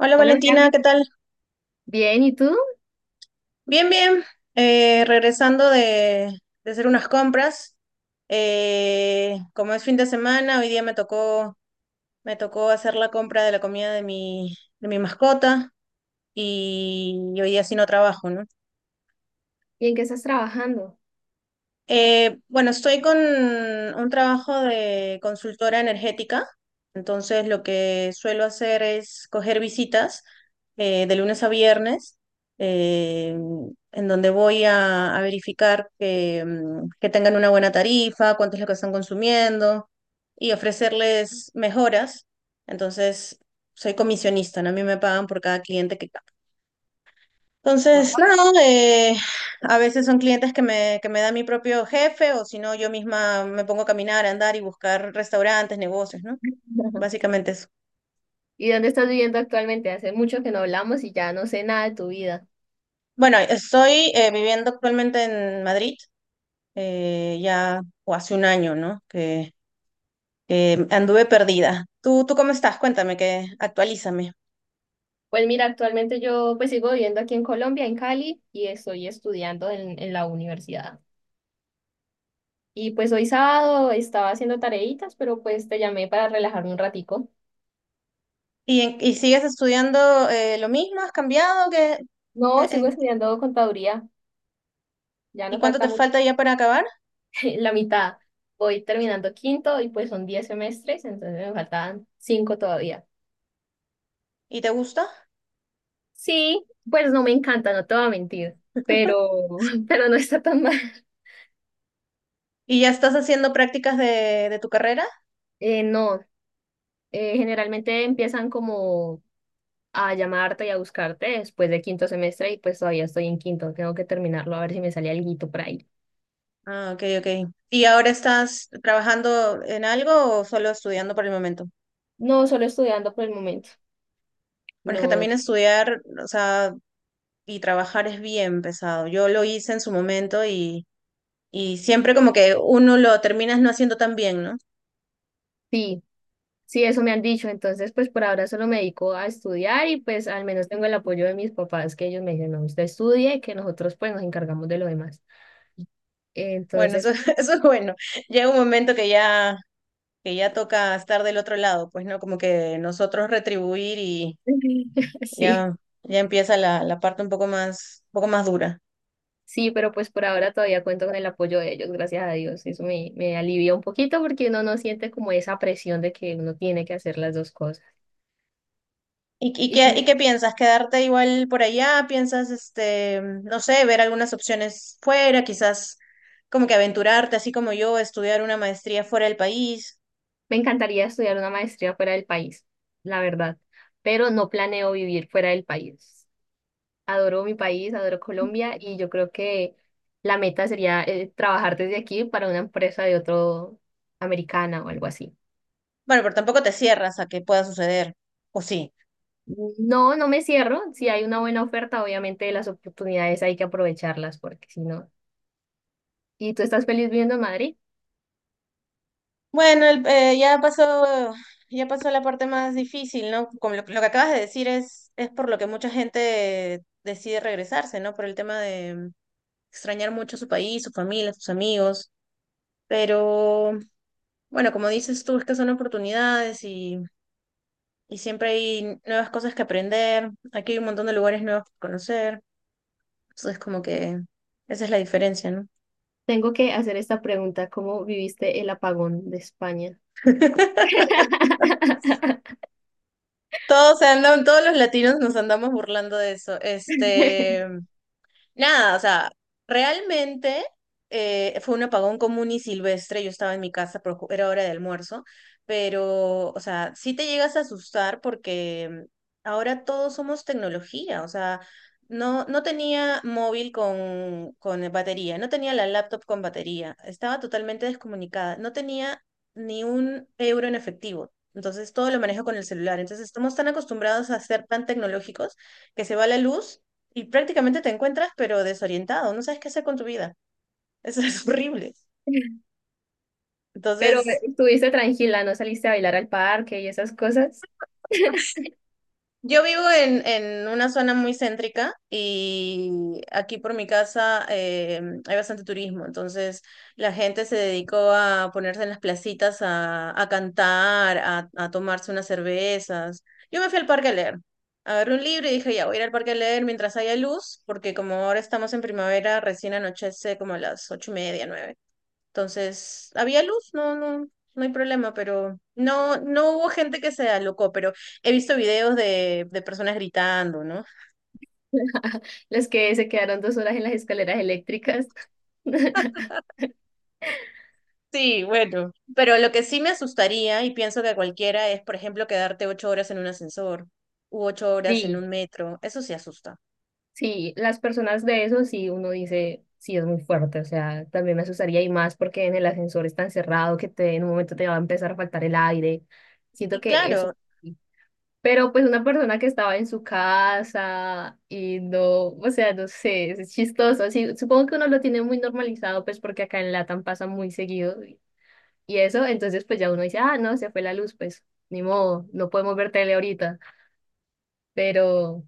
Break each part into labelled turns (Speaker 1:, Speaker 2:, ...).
Speaker 1: Hola
Speaker 2: Hola,
Speaker 1: Valentina,
Speaker 2: Miranda.
Speaker 1: ¿qué tal?
Speaker 2: Bien, ¿y tú?
Speaker 1: Bien, bien. Regresando de hacer unas compras. Como es fin de semana, hoy día me tocó hacer la compra de la comida de mi mascota y hoy día sí no trabajo, ¿no?
Speaker 2: ¿Y en qué estás trabajando?
Speaker 1: Bueno, estoy con un trabajo de consultora energética, entonces lo que suelo hacer es coger visitas de lunes a viernes, eh, en donde voy a verificar que tengan una buena tarifa, cuánto es lo que están consumiendo y ofrecerles mejoras. Entonces, soy comisionista, ¿no? A mí me pagan por cada cliente que capto. Entonces, nada, a veces son clientes que me da mi propio jefe o si no, yo misma me pongo a caminar, a andar y buscar restaurantes, negocios, ¿no? Básicamente eso.
Speaker 2: ¿Y dónde estás viviendo actualmente? Hace mucho que no hablamos y ya no sé nada de tu vida.
Speaker 1: Bueno, estoy viviendo actualmente en Madrid, ya o hace un año, ¿no? Que anduve perdida. ¿Tú cómo estás? Cuéntame, que actualízame.
Speaker 2: Pues mira, actualmente yo pues sigo viviendo aquí en Colombia, en Cali, y estoy estudiando en la universidad. Y pues hoy sábado estaba haciendo tareitas, pero pues te llamé para relajarme un ratico.
Speaker 1: ¿Y sigues estudiando lo mismo? ¿Has cambiado? Qué-
Speaker 2: No, sigo
Speaker 1: en-
Speaker 2: estudiando contaduría, ya
Speaker 1: ¿y
Speaker 2: no
Speaker 1: cuánto
Speaker 2: falta
Speaker 1: te
Speaker 2: mu-
Speaker 1: falta ya para acabar?
Speaker 2: la mitad. Voy terminando quinto y pues son 10 semestres, entonces me faltan 5 todavía.
Speaker 1: ¿Y te gusta?
Speaker 2: Sí, pues no me encanta, no te voy a mentir, pero, pero no está tan mal.
Speaker 1: ¿Y ya estás haciendo prácticas de tu carrera?
Speaker 2: No, generalmente empiezan como a llamarte y a buscarte después de quinto semestre y pues todavía estoy en quinto, tengo que terminarlo a ver si me sale alguito por ahí.
Speaker 1: Ah, ok, ok. ¿Y ahora estás trabajando en algo o solo estudiando por el momento?
Speaker 2: No, solo estudiando por el momento.
Speaker 1: Bueno, es que también
Speaker 2: No,
Speaker 1: estudiar, o sea, y trabajar es bien pesado. Yo lo hice en su momento y siempre como que uno lo terminas no haciendo tan bien, ¿no?
Speaker 2: sí, sí, eso me han dicho, entonces pues por ahora solo me dedico a estudiar y pues al menos tengo el apoyo de mis papás que ellos me dicen, no, usted estudie, que nosotros pues nos encargamos de lo demás.
Speaker 1: Bueno, eso,
Speaker 2: Entonces,
Speaker 1: eso es bueno. Llega un momento que ya toca estar del otro lado, pues, ¿no? Como que nosotros retribuir y
Speaker 2: sí.
Speaker 1: ya, ya empieza la parte un poco más dura.
Speaker 2: Sí, pero pues por ahora todavía cuento con el apoyo de ellos, gracias a Dios. Eso me, me alivia un poquito porque uno no siente como esa presión de que uno tiene que hacer las dos cosas.
Speaker 1: ¿Y, y
Speaker 2: Y
Speaker 1: qué,
Speaker 2: sí,
Speaker 1: y qué piensas? ¿Quedarte igual por allá? ¿Piensas, no sé, ver algunas opciones fuera? Quizás como que aventurarte, así como yo, estudiar una maestría fuera del país.
Speaker 2: me encantaría estudiar una maestría fuera del país, la verdad, pero no planeo vivir fuera del país. Adoro mi país, adoro Colombia y yo creo que la meta sería trabajar desde aquí para una empresa de otro americana o algo así.
Speaker 1: Bueno, pero tampoco te cierras a que pueda suceder, ¿o sí?
Speaker 2: No, no me cierro. Si hay una buena oferta, obviamente las oportunidades hay que aprovecharlas porque si no... ¿Y tú estás feliz viviendo en Madrid?
Speaker 1: Bueno, ya pasó la parte más difícil, ¿no? Como lo que acabas de decir es por lo que mucha gente decide regresarse, ¿no? Por el tema de extrañar mucho su país, su familia, sus amigos. Pero bueno, como dices tú, es que son oportunidades y siempre hay nuevas cosas que aprender. Aquí hay un montón de lugares nuevos que conocer. Entonces, como que esa es la diferencia, ¿no?
Speaker 2: Tengo que hacer esta pregunta, ¿cómo viviste el apagón de España?
Speaker 1: Todos los latinos nos andamos burlando de eso. Nada, o sea, realmente fue un apagón común y silvestre. Yo estaba en mi casa, pero era hora de almuerzo. Pero, o sea, sí te llegas a asustar porque ahora todos somos tecnología. O sea, no tenía móvil con batería, no tenía la laptop con batería, estaba totalmente descomunicada, no tenía ni un euro en efectivo. Entonces todo lo manejo con el celular. Entonces estamos tan acostumbrados a ser tan tecnológicos que se va la luz y prácticamente te encuentras pero desorientado, no sabes qué hacer con tu vida. Eso es horrible.
Speaker 2: Pero
Speaker 1: Entonces,
Speaker 2: estuviste tranquila, no saliste a bailar al parque y esas cosas.
Speaker 1: yo vivo en una zona muy céntrica y aquí por mi casa hay bastante turismo, entonces la gente se dedicó a ponerse en las placitas a cantar, a tomarse unas cervezas. Yo me fui al parque a leer. Agarré un libro y dije, ya, voy a ir al parque a leer mientras haya luz, porque como ahora estamos en primavera, recién anochece como a las 8:30, 9. Entonces, había luz, no hay problema, pero no hubo gente que se alocó, pero he visto videos de personas gritando, ¿no?
Speaker 2: Las que se quedaron 2 horas en las escaleras eléctricas.
Speaker 1: Sí, bueno. Pero lo que sí me asustaría, y pienso que a cualquiera, es, por ejemplo, quedarte 8 horas en un ascensor u 8 horas en
Speaker 2: Sí,
Speaker 1: un metro. Eso sí asusta.
Speaker 2: sí, las personas de eso sí, uno dice, sí es muy fuerte, o sea, también me asustaría y más porque en el ascensor es tan cerrado que te, en un momento te va a empezar a faltar el aire. Siento
Speaker 1: Y
Speaker 2: que eso.
Speaker 1: claro.
Speaker 2: Sí, pero pues una persona que estaba en su casa y no, o sea, no sé, es chistoso. Así, supongo que uno lo tiene muy normalizado, pues porque acá en Latam pasa muy seguido y eso, entonces pues ya uno dice, ah, no, se fue la luz, pues ni modo, no podemos ver tele ahorita, pero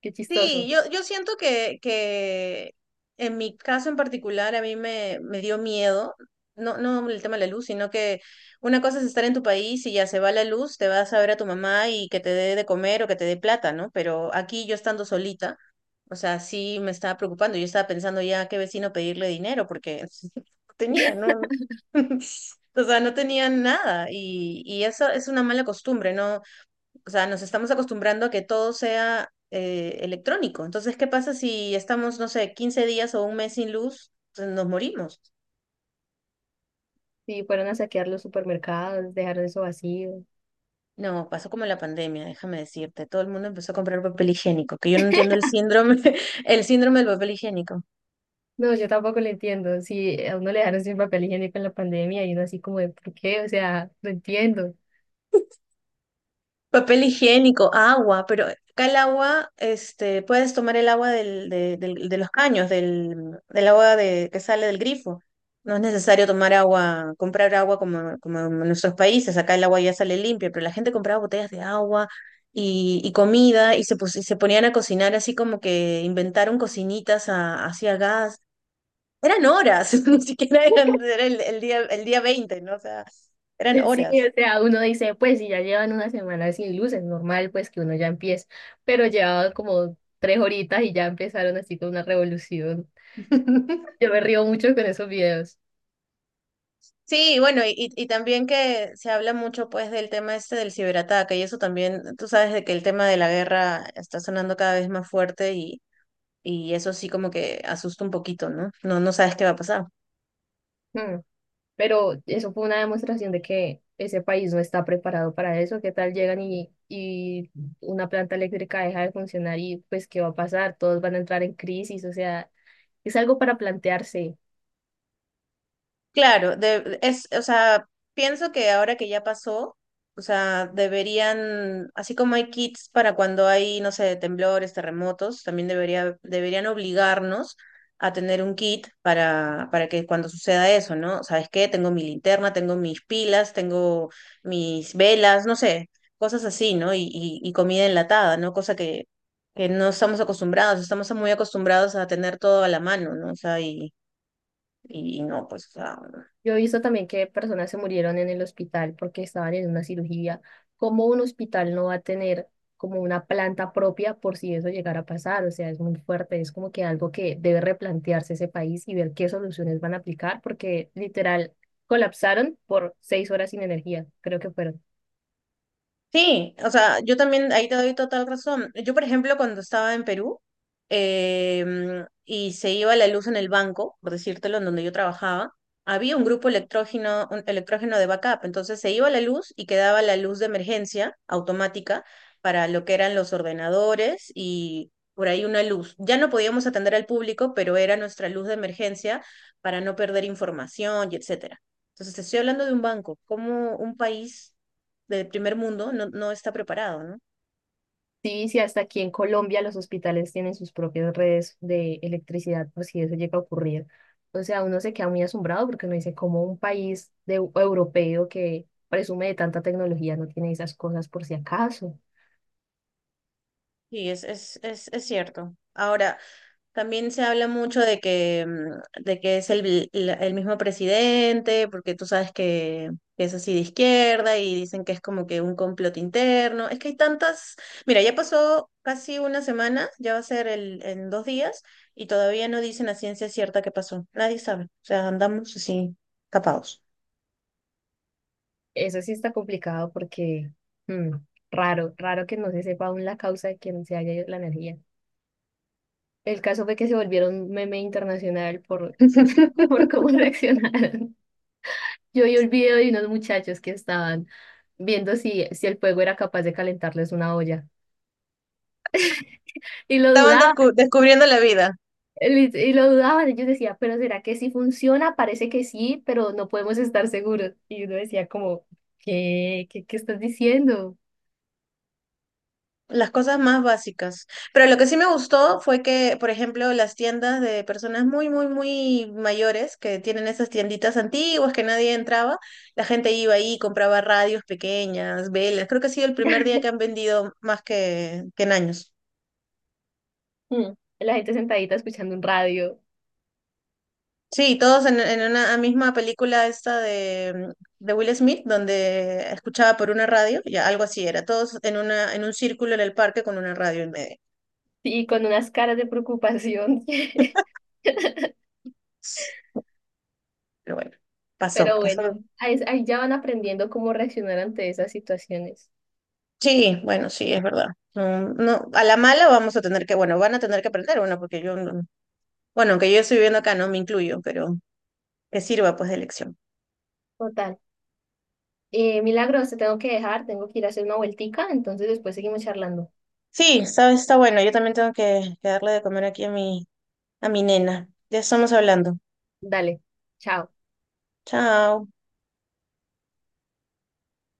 Speaker 2: qué
Speaker 1: Sí,
Speaker 2: chistoso.
Speaker 1: yo siento que en mi caso en particular a mí me dio miedo, no el tema de la luz, sino que una cosa es estar en tu país y ya se va la luz, te vas a ver a tu mamá y que te dé de comer o que te dé plata, ¿no? Pero aquí yo estando solita, o sea, sí me estaba preocupando, yo estaba pensando ya a qué vecino pedirle dinero porque no tenía, ¿no? O sea, no tenía nada y eso es una mala costumbre, ¿no? O sea, nos estamos acostumbrando a que todo sea electrónico. Entonces, ¿qué pasa si estamos, no sé, 15 días o un mes sin luz? Entonces, nos morimos.
Speaker 2: Sí, fueron a saquear los supermercados, dejaron eso vacío.
Speaker 1: No, pasó como en la pandemia, déjame decirte. Todo el mundo empezó a comprar papel higiénico, que yo no entiendo el síndrome, el síndrome del papel higiénico.
Speaker 2: No, yo tampoco lo entiendo. Si a uno le dejaron sin papel higiénico en la pandemia y uno así como de, ¿por qué? O sea, no entiendo.
Speaker 1: Papel higiénico, agua, pero acá el agua, puedes tomar el agua de los caños, del agua que sale del grifo. No es necesario tomar agua, comprar agua como en nuestros países. Acá el agua ya sale limpia, pero la gente compraba botellas de agua y comida y se ponían a cocinar así como que inventaron cocinitas hacia gas. Eran horas, ni siquiera eran, era el día 20, ¿no? O sea, eran
Speaker 2: Sí,
Speaker 1: horas.
Speaker 2: o sea, uno dice, pues si ya llevan una semana sin luz, es normal pues que uno ya empiece, pero llevaba como 3 horitas y ya empezaron así con una revolución. Yo me río mucho con esos videos.
Speaker 1: Sí, bueno, y también que se habla mucho pues del tema este del ciberataque y eso también, tú sabes de que el tema de la guerra está sonando cada vez más fuerte y eso sí como que asusta un poquito, ¿no? No, no sabes qué va a pasar.
Speaker 2: Mm, pero eso fue una demostración de que ese país no está preparado para eso. ¿Qué tal llegan y una planta eléctrica deja de funcionar y pues qué va a pasar? Todos van a entrar en crisis, o sea, es algo para plantearse.
Speaker 1: Claro, o sea, pienso que ahora que ya pasó, o sea, deberían, así como hay kits para cuando hay, no sé, temblores, terremotos, también deberían obligarnos a tener un kit para que cuando suceda eso, ¿no? ¿Sabes qué? Tengo mi linterna, tengo mis pilas, tengo mis velas, no sé, cosas así, ¿no? Y comida enlatada, ¿no? Cosa que no estamos acostumbrados, estamos muy acostumbrados a tener todo a la mano, ¿no? O sea, y... Y no, pues, o sea,
Speaker 2: Yo he visto también que personas se murieron en el hospital porque estaban en una cirugía. ¿Cómo un hospital no va a tener como una planta propia por si eso llegara a pasar? O sea, es muy fuerte, es como que algo que debe replantearse ese país y ver qué soluciones van a aplicar porque literal colapsaron por 6 horas sin energía, creo que fueron.
Speaker 1: sí, o sea, yo también ahí te doy total razón. Yo, por ejemplo, cuando estaba en Perú y se iba la luz en el banco, por decírtelo, en donde yo trabajaba, había un grupo electrógeno, un electrógeno de backup. Entonces se iba la luz y quedaba la luz de emergencia automática para lo que eran los ordenadores y por ahí una luz. Ya no podíamos atender al público, pero era nuestra luz de emergencia para no perder información y etcétera. Entonces, te estoy hablando de un banco, como un país del primer mundo no está preparado, ¿no?
Speaker 2: Sí, sí, hasta aquí en Colombia los hospitales tienen sus propias redes de electricidad por si eso llega a ocurrir. O sea, uno se queda muy asombrado porque uno dice, como un país de, europeo que presume de tanta tecnología no tiene esas cosas por si acaso?
Speaker 1: Sí, es cierto. Ahora, también se habla mucho de que es el mismo presidente, porque tú sabes que es así de izquierda y dicen que es como que un complot interno. Es que hay tantas... Mira, ya pasó casi una semana, ya va a ser en 2 días, y todavía no dicen a ciencia cierta qué pasó. Nadie sabe. O sea, andamos así, tapados.
Speaker 2: Eso sí está complicado porque mm, raro, raro que no se sepa aún la causa de que no se haya ido la energía. El caso fue que se volvieron meme internacional por cómo reaccionaron. Yo vi el video de unos muchachos que estaban viendo si el fuego era capaz de calentarles una olla. Y lo
Speaker 1: Estaban
Speaker 2: dudaban,
Speaker 1: descubriendo la vida.
Speaker 2: y lo dudaban. Ellos decían, pero ¿será que sí funciona? Parece que sí, pero no podemos estar seguros. Y uno decía como, ¿qué? ¿Qué estás diciendo?
Speaker 1: Las cosas más básicas. Pero lo que sí me gustó fue que, por ejemplo, las tiendas de personas muy, muy, muy mayores que tienen esas tienditas antiguas que nadie entraba, la gente iba ahí, y compraba radios pequeñas, velas. Creo que ha sido el primer día que han vendido más que en años.
Speaker 2: Mm. La gente sentadita escuchando un radio
Speaker 1: Sí, todos en una misma película esta de Will Smith, donde escuchaba por una radio, ya algo así era, todos en un círculo en el parque con una radio en medio.
Speaker 2: y con unas caras de preocupación.
Speaker 1: Pero bueno, pasó,
Speaker 2: Pero
Speaker 1: pasó.
Speaker 2: bueno, ahí ya van aprendiendo cómo reaccionar ante esas situaciones.
Speaker 1: Sí, bueno, sí, es verdad. No, no, a la mala vamos a tener que, bueno, van a tener que aprender, bueno, porque yo, bueno, aunque yo estoy viviendo acá, no me incluyo, pero que sirva pues de lección.
Speaker 2: Total. Milagros, te tengo que dejar, tengo que ir a hacer una vueltica, entonces después seguimos charlando.
Speaker 1: Sí, sabes, está bueno, yo también tengo que darle de comer aquí a a mi nena. Ya estamos hablando.
Speaker 2: Dale, chao.
Speaker 1: Chao.